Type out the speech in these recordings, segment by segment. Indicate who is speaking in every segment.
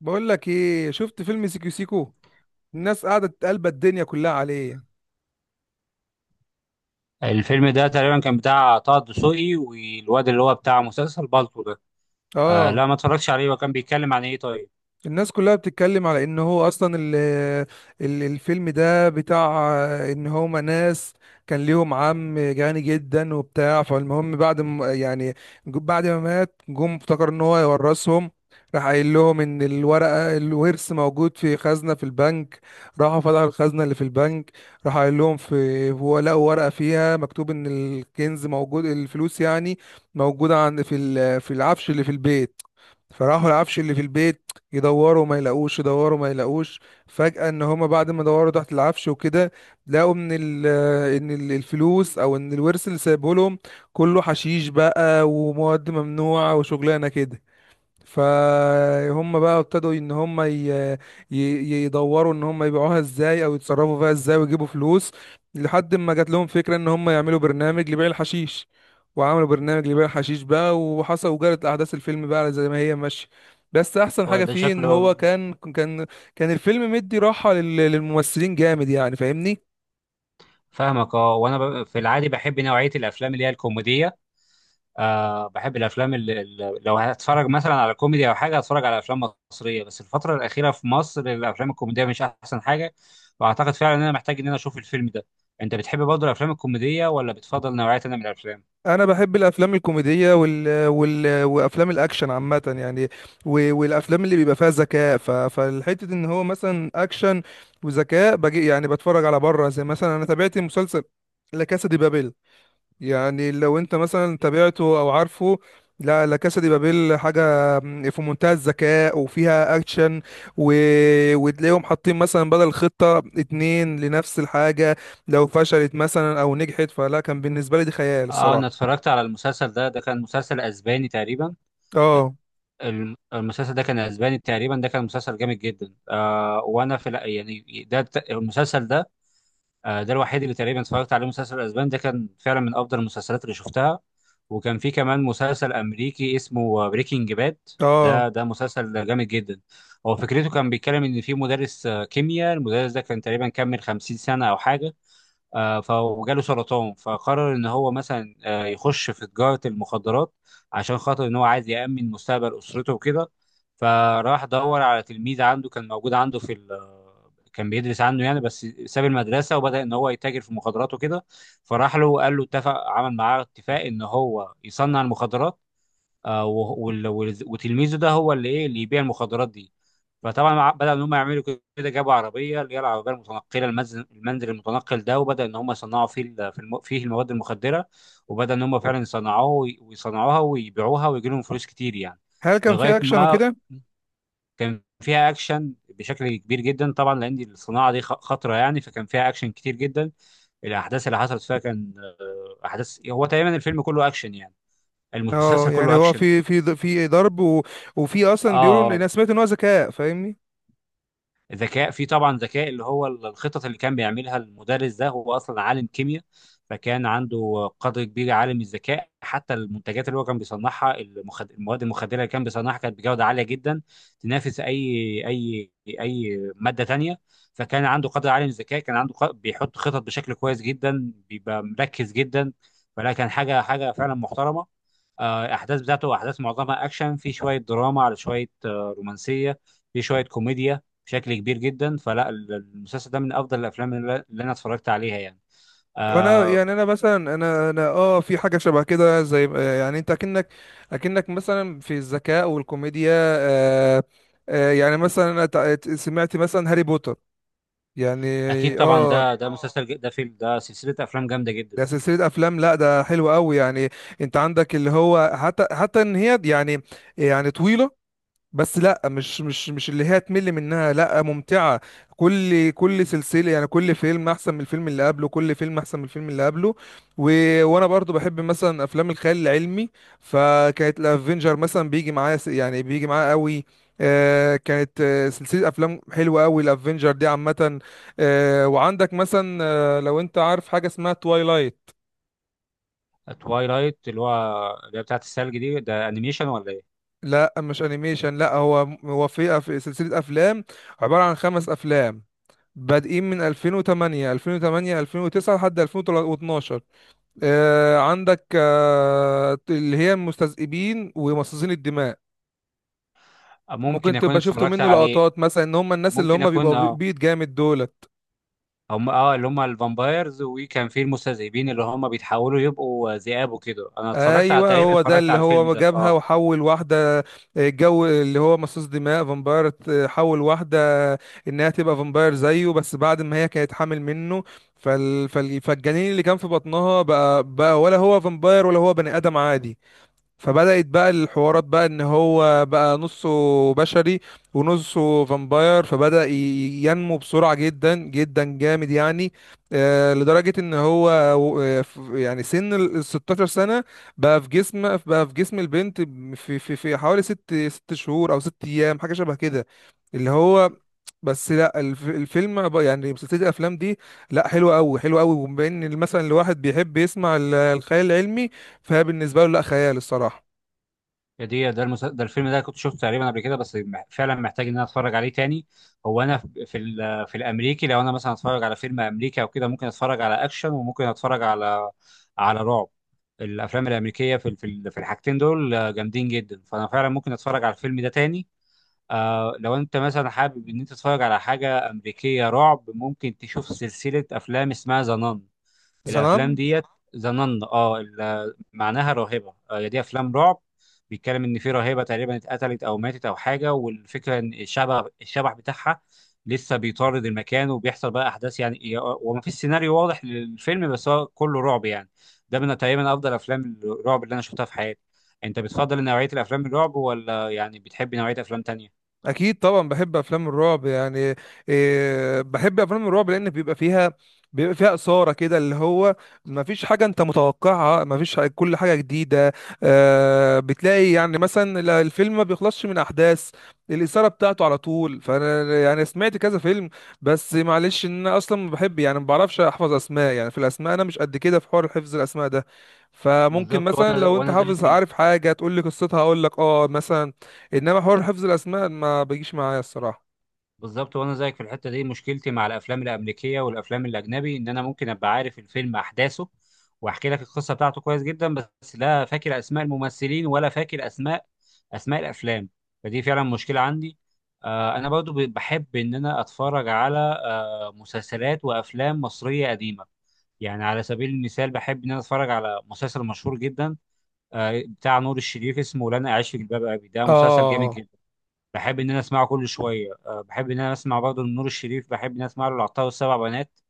Speaker 1: بقول لك ايه، شفت فيلم سيكو سيكو؟ الناس قاعده تقلب الدنيا كلها عليه.
Speaker 2: الفيلم ده تقريبا كان بتاع طه الدسوقي والواد اللي هو بتاع مسلسل بالطو ده. آه،
Speaker 1: اه.
Speaker 2: لا ما اتفرجتش عليه، وكان بيتكلم عن ايه؟ طيب،
Speaker 1: الناس كلها بتتكلم على ان هو اصلا ال الفيلم ده بتاع، ان هما ناس كان ليهم عم غني جدا وبتاع. فالمهم بعد ما يعني بعد ما مات، جم افتكر ان هو يورثهم. راح قايل لهم ان الورقه الورث موجود في خزنه في البنك. راحوا فتحوا الخزنه اللي في البنك، راح قايل لهم في هو لقوا ورقه فيها مكتوب ان الكنز موجود، الفلوس يعني موجوده عند، في في العفش اللي في البيت. فراحوا العفش اللي في البيت يدوروا ما يلاقوش، يدوروا ما يلاقوش. فجأة ان هما بعد ما دوروا تحت العفش وكده، لقوا ان الفلوس او ان الورث اللي سايبه لهم كله حشيش بقى، ومواد ممنوعة وشغلانة كده. فهم بقى ابتدوا ان هم ي... يدوروا ان هم يبيعوها ازاي او يتصرفوا فيها ازاي ويجيبوا فلوس، لحد ما جات لهم فكرة ان هم يعملوا برنامج لبيع الحشيش. وعملوا برنامج لبيع الحشيش بقى، وحصل وجرت احداث الفيلم بقى زي ما هي ماشية. بس احسن
Speaker 2: هو
Speaker 1: حاجة
Speaker 2: ده
Speaker 1: فيه ان
Speaker 2: شكله.
Speaker 1: هو كان كان الفيلم مدي راحة للممثلين جامد يعني، فاهمني؟
Speaker 2: فاهمك، اه. وانا في العادي بحب نوعية الافلام اللي هي الكوميدية. آه بحب الافلام لو هتفرج مثلا على كوميدي او حاجة هتفرج على افلام مصرية، بس الفترة الأخيرة في مصر الافلام الكوميدية مش احسن حاجة. واعتقد فعلا ان انا محتاج ان انا اشوف الفيلم ده. انت بتحب برضه الافلام الكوميدية ولا بتفضل نوعية تانية من الافلام؟
Speaker 1: انا بحب الافلام الكوميديه وافلام الاكشن عامه يعني، والافلام اللي بيبقى فيها ذكاء، فالحته ان هو مثلا اكشن وذكاء بجي يعني. بتفرج على بره، زي مثلا انا تابعت مسلسل لا كاسا دي بابيل. يعني لو انت مثلا تابعته او عارفه. لا كاسا دي بابيل حاجه في منتهى الذكاء وفيها اكشن، و... وتلاقيهم حاطين مثلا بدل خطه اتنين لنفس الحاجه، لو فشلت مثلا او نجحت. فلا، كان بالنسبه لي دي خيال
Speaker 2: اه انا
Speaker 1: الصراحه.
Speaker 2: اتفرجت على المسلسل ده، ده كان مسلسل اسباني تقريبا.
Speaker 1: اه.
Speaker 2: المسلسل ده كان اسباني تقريبا، ده كان مسلسل جامد جدا. آه وانا في الأ- يعني ده الت- المسلسل ده، آه ده الوحيد اللي تقريبا اتفرجت عليه مسلسل اسباني. ده كان فعلا من افضل المسلسلات اللي شفتها. وكان في كمان مسلسل امريكي اسمه بريكنج باد.
Speaker 1: اه.
Speaker 2: ده مسلسل جامد جدا. هو فكرته كان بيتكلم ان في مدرس كيمياء. المدرس ده كان تقريبا كمل 50 سنة او حاجة. وجاله سرطان، فقرر ان هو مثلا يخش في تجارة المخدرات عشان خاطر ان هو عايز يأمن مستقبل اسرته وكده. فراح دور على تلميذ عنده، كان موجود عنده في ال، كان بيدرس عنه يعني، بس ساب المدرسة وبدأ ان هو يتاجر في المخدرات وكده. فراح له وقال له، اتفق عمل معاه اتفاق ان هو يصنع المخدرات، وتلميذه ده هو اللي ايه اللي يبيع المخدرات دي. بدأ ان هم يعملوا كده، جابوا عربيه، اللي هي العربيه المتنقله، المنزل المتنقل ده، وبدأ ان هم يصنعوا فيه فيه المواد المخدره. وبدأ ان هم فعلا ويصنعوها ويبيعوها ويجي لهم فلوس كتير يعني.
Speaker 1: هل كان في
Speaker 2: لغايه
Speaker 1: اكشن
Speaker 2: ما
Speaker 1: وكده؟
Speaker 2: كان فيها اكشن بشكل كبير جدا طبعا، لان دي الصناعه دي خطره يعني، فكان فيها اكشن كتير جدا. الاحداث اللي حصلت فيها كان احداث، هو تقريبا الفيلم كله اكشن يعني، المسلسل
Speaker 1: اه يعني
Speaker 2: كله
Speaker 1: هو
Speaker 2: اكشن.
Speaker 1: في في ضرب، وفي اصلا بيقولوا ان انا
Speaker 2: اه
Speaker 1: سمعت ان هو ذكاء، فاهمني؟
Speaker 2: ذكاء. في طبعا ذكاء، اللي هو الخطط اللي كان بيعملها المدرس ده، هو اصلا عالم كيمياء. فكان عنده قدر كبير عالم الذكاء. حتى المنتجات اللي هو كان بيصنعها، المواد المخدره اللي كان بيصنعها، كانت بجوده عاليه جدا، تنافس اي اي ماده تانية. فكان عنده قدر عالي من الذكاء، كان عنده بيحط خطط بشكل كويس جدا، بيبقى مركز جدا. فلا كان حاجه فعلا محترمه. احداث بتاعته، احداث معظمها اكشن، في شويه دراما، على شويه رومانسيه، في شويه كوميديا بشكل كبير جدا. فلا المسلسل ده من افضل الافلام اللي اللي انا اتفرجت عليها يعني،
Speaker 1: وانا
Speaker 2: آه.
Speaker 1: يعني انا مثلا انا اه في حاجه شبه كده، زي يعني انت اكنك، اكنك مثلا في الذكاء والكوميديا. آه. آه يعني مثلا انا سمعت مثلا هاري بوتر يعني.
Speaker 2: اكيد طبعا،
Speaker 1: اه،
Speaker 2: ده فيلم، ده سلسله افلام جامده جدا.
Speaker 1: ده سلسله افلام، لا ده حلو قوي يعني. انت عندك اللي هو حتى ان هي يعني، يعني طويله، بس لا مش اللي هي تمل منها، لا ممتعة. كل سلسلة يعني، كل فيلم احسن من الفيلم اللي قبله، كل فيلم احسن من الفيلم اللي قبله. و... وانا برضو بحب مثلا افلام الخيال العلمي، فكانت الافنجر مثلا بيجي معايا يعني بيجي معايا قوي. آه، كانت آه سلسلة افلام حلوة قوي الافنجر دي عامة. آه وعندك مثلا، آه لو انت عارف حاجة اسمها توايلايت.
Speaker 2: توايلايت اللي هو، اللي هي بتاعت الثلج دي؟ ده انيميشن ولا ايه؟
Speaker 1: لا مش انيميشن، لا هو، هو في سلسلة افلام عبارة عن خمس افلام بادئين من 2008، 2008، 2009 لحد 2012. آه عندك آه اللي هي المستذئبين ومصاصين الدماء.
Speaker 2: آه، ممكن
Speaker 1: ممكن
Speaker 2: اكون
Speaker 1: تبقى شفتوا
Speaker 2: اتفرجت
Speaker 1: منه
Speaker 2: عليه.
Speaker 1: لقطات، مثلا ان هم الناس اللي
Speaker 2: ممكن
Speaker 1: هم
Speaker 2: اكون
Speaker 1: بيبقوا
Speaker 2: اه.
Speaker 1: بيض جامد دولت.
Speaker 2: هم اه اللي هم الفامبايرز، وكان في المستذئبين اللي هم بيتحولوا يبقوا ذئاب وكده. انا اتفرجت على،
Speaker 1: ايوه
Speaker 2: تقريبا
Speaker 1: هو ده
Speaker 2: اتفرجت
Speaker 1: اللي
Speaker 2: على الفيلم
Speaker 1: هو
Speaker 2: ده
Speaker 1: جابها
Speaker 2: اه.
Speaker 1: وحول واحده. آه، جو اللي هو مصاص دماء فامباير، آه، حول واحده انها تبقى فامباير زيه، بس بعد ما هي كانت حامل منه. فالجنين اللي كان في بطنها بقى ولا هو فامباير ولا هو بني ادم عادي. فبدأت بقى الحوارات بقى ان هو بقى نصه بشري ونصه فامباير، فبدأ ينمو بسرعة جدا جدا جامد يعني، آه، لدرجة ان هو آه، يعني سن ال 16 سنة بقى في جسم، بقى في جسم البنت، في حوالي ست شهور او ست ايام حاجة شبه كده اللي هو. بس لا الفيلم بقى، يعني سلسله الافلام دي لا حلوه قوي، حلوه قوي. وبما ان مثلا الواحد بيحب يسمع الخيال العلمي، فهي بالنسبة له لا خيال الصراحة.
Speaker 2: هي دي ده الفيلم ده كنت شفته تقريبا قبل كده، بس فعلا محتاج ان انا اتفرج عليه تاني. هو انا في الامريكي لو انا مثلا اتفرج على فيلم امريكي او كده، ممكن اتفرج على اكشن، وممكن اتفرج على على رعب. الافلام الامريكيه في الحاجتين دول جامدين جدا، فانا فعلا ممكن اتفرج على الفيلم ده تاني. آه لو انت مثلا حابب ان انت تتفرج على حاجه امريكيه رعب، ممكن تشوف سلسله افلام اسمها ذا نان. الافلام
Speaker 1: زنان.
Speaker 2: ديت، ظننا اه معناها راهبه. هي دي افلام رعب. بيتكلم ان في راهبه تقريبا اتقتلت او ماتت او حاجه، والفكره ان الشبح بتاعها لسه بيطارد المكان، وبيحصل بقى احداث يعني، وما فيش سيناريو واضح للفيلم، بس هو كله رعب يعني. ده من تقريبا افضل افلام الرعب اللي انا شفتها في حياتي. انت بتفضل نوعيه الافلام الرعب ولا يعني بتحب نوعيه افلام تانية؟
Speaker 1: اكيد طبعا بحب افلام الرعب يعني. إيه، بحب افلام الرعب لان بيبقى فيها، بيبقى فيها اثاره كده، اللي هو ما فيش حاجه انت متوقعها، ما فيش، كل حاجه جديده. آه، بتلاقي يعني مثلا الفيلم ما بيخلصش من احداث، الاثاره بتاعته على طول. فانا يعني سمعت كذا فيلم، بس معلش ان انا اصلا ما بحب، يعني ما بعرفش احفظ اسماء. يعني في الاسماء انا مش قد كده في حوار حفظ الاسماء ده. فممكن
Speaker 2: بالظبط
Speaker 1: مثلا
Speaker 2: وانا
Speaker 1: لو انت
Speaker 2: وانا زيك.
Speaker 1: حافظ عارف حاجه تقول لي قصتها، اقول لك اه مثلا. انما حوار حفظ الاسماء ما بيجيش معايا الصراحه.
Speaker 2: بالظبط وانا زيك في الحته دي. مشكلتي مع الافلام الامريكيه والافلام الاجنبي ان انا ممكن ابقى عارف الفيلم احداثه، واحكي لك القصه بتاعته كويس جدا، بس لا فاكر اسماء الممثلين ولا فاكر اسماء اسماء الافلام. فدي فعلا مشكله عندي. آه انا برضو بحب ان انا اتفرج على آه مسلسلات وافلام مصريه قديمه. يعني على سبيل المثال بحب ان انا اتفرج على مسلسل مشهور جدا بتاع نور الشريف، اسمه لن اعيش في جلباب ابي. ده مسلسل جامد،
Speaker 1: اه،
Speaker 2: بحب ان انا اسمعه كل شويه. أه بحب ان انا اسمع برضه لنور الشريف، بحب ان انا اسمع له العطار والسبع بنات،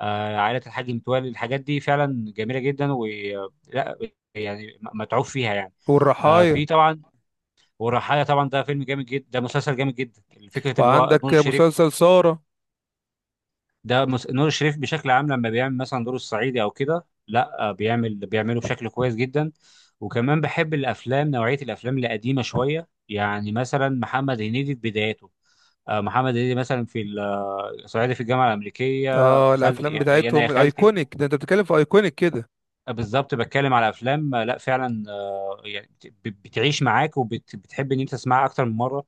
Speaker 2: أه عائله الحاج متولي. الحاجات دي فعلا جميله جدا، و، لا، يعني متعوب فيها يعني. أه
Speaker 1: والرحايا.
Speaker 2: في طبعا والرحايا طبعا. ده فيلم جامد جدا، ده مسلسل جامد جدا. فكره اللي هو نور
Speaker 1: وعندك
Speaker 2: الشريف،
Speaker 1: مسلسل سارة.
Speaker 2: نور الشريف بشكل عام لما بيعمل مثلا دور الصعيدي او كده، لا أه، بيعمل بيعمله بشكل كويس جدا. وكمان بحب الافلام، نوعيه الافلام القديمه شويه، يعني مثلا محمد هنيدي في بداياته. محمد هنيدي مثلا في ال- آه، صعيدي في الجامعه الامريكيه،
Speaker 1: اه،
Speaker 2: خالتي
Speaker 1: الافلام
Speaker 2: يا انا يا
Speaker 1: بتاعتهم
Speaker 2: خالتي.
Speaker 1: الايكونيك ده، انت بتتكلم في ايكونيك كده.
Speaker 2: بالظبط، بتكلم على افلام لا فعلا يعني بتعيش معاك، وبتحب ان انت تسمعها اكتر من مره.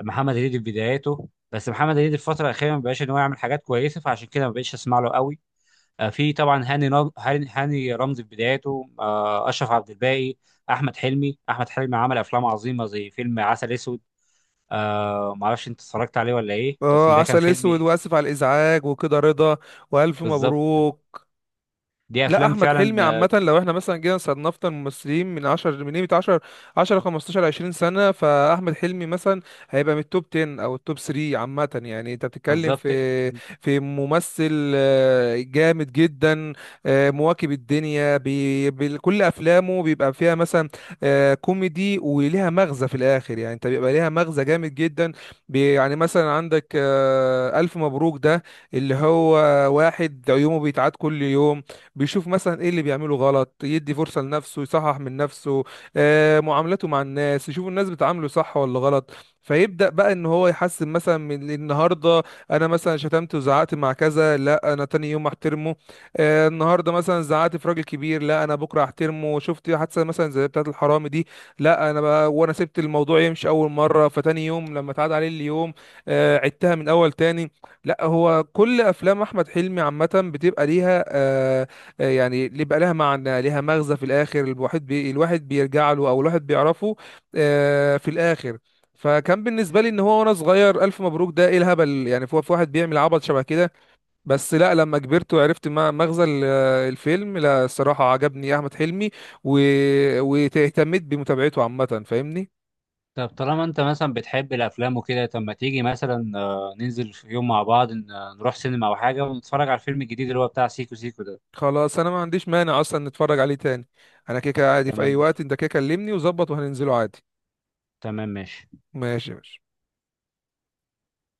Speaker 2: محمد هنيدي في بداياته، بس محمد هنيدي الفتره الاخيره ما بقاش ان هو يعمل حاجات كويسه، فعشان كده ما بقتش اسمع له قوي. في طبعا هاني نج- هاني هاني رمزي في بداياته، اشرف عبد الباقي، احمد حلمي احمد حلمي عمل افلام عظيمه زي فيلم عسل اسود. ما اعرفش انت اتفرجت عليه ولا ايه، بس
Speaker 1: اه،
Speaker 2: ده كان
Speaker 1: عسل اسود،
Speaker 2: فيلم.
Speaker 1: واسف على الازعاج، وكده رضا، والف
Speaker 2: بالظبط،
Speaker 1: مبروك.
Speaker 2: دي
Speaker 1: لا
Speaker 2: افلام
Speaker 1: احمد
Speaker 2: فعلا،
Speaker 1: حلمي عامه،
Speaker 2: آه.
Speaker 1: لو احنا مثلا جينا صنفنا الممثلين من 10، من قيمه 10، 10، 15، 20 سنه، فاحمد حلمي مثلا هيبقى من التوب 10 او التوب 3 عامه. يعني انت بتتكلم
Speaker 2: بالظبط،
Speaker 1: في في ممثل آه، جامد جدا. آه، مواكب الدنيا، بكل افلامه بيبقى فيها مثلا آه، كوميدي وليها مغزى في الاخر يعني، انت بيبقى ليها مغزى جامد جدا. يعني مثلا عندك آه، الف مبروك ده اللي هو واحد عيومه بيتعاد كل يوم، بيشوف مثلا ايه اللي بيعمله غلط، يدي فرصة لنفسه يصحح من نفسه. آه، معاملته مع الناس، يشوف الناس بتعامله صح ولا غلط، فيبدأ بقى ان هو يحسن مثلا من النهارده. انا مثلا شتمت وزعقت مع كذا، لا انا تاني يوم احترمه. آه، النهارده مثلا زعقت في راجل كبير، لا انا بكره احترمه. شفت حادثه مثلا زي بتاعه الحرامي دي، لا انا بقى وانا سبت الموضوع يمشي اول مره، فتاني يوم لما اتعاد عليه اليوم، آه، عدتها من اول تاني. لا هو، كل افلام احمد حلمي عامه بتبقى ليها آه، آه، يعني اللي بقى لها معنى، لها مغزى في الاخر، الواحد الواحد بيرجع له او الواحد بيعرفه آه، في الاخر. فكان بالنسبه لي ان هو وانا صغير الف مبروك ده ايه الهبل يعني؟ في في واحد بيعمل عبط شبه كده. بس لا لما كبرت وعرفت مغزى الفيلم، لا الصراحه عجبني احمد حلمي، و... واهتميت بمتابعته عامه، فاهمني؟
Speaker 2: طب طالما انت مثلا بتحب الافلام وكده، طب ما تيجي مثلا ننزل في يوم مع بعض، نروح سينما او حاجه، ونتفرج على الفيلم الجديد اللي هو بتاع سيكو سيكو ده.
Speaker 1: خلاص، انا ما عنديش مانع اصلا نتفرج عليه تاني. انا كيكه عادي في
Speaker 2: تمام
Speaker 1: اي وقت،
Speaker 2: ماشي.
Speaker 1: انت كيكه كلمني وظبط وهننزله عادي.
Speaker 2: تمام ماشي.
Speaker 1: ماشي يا باشا.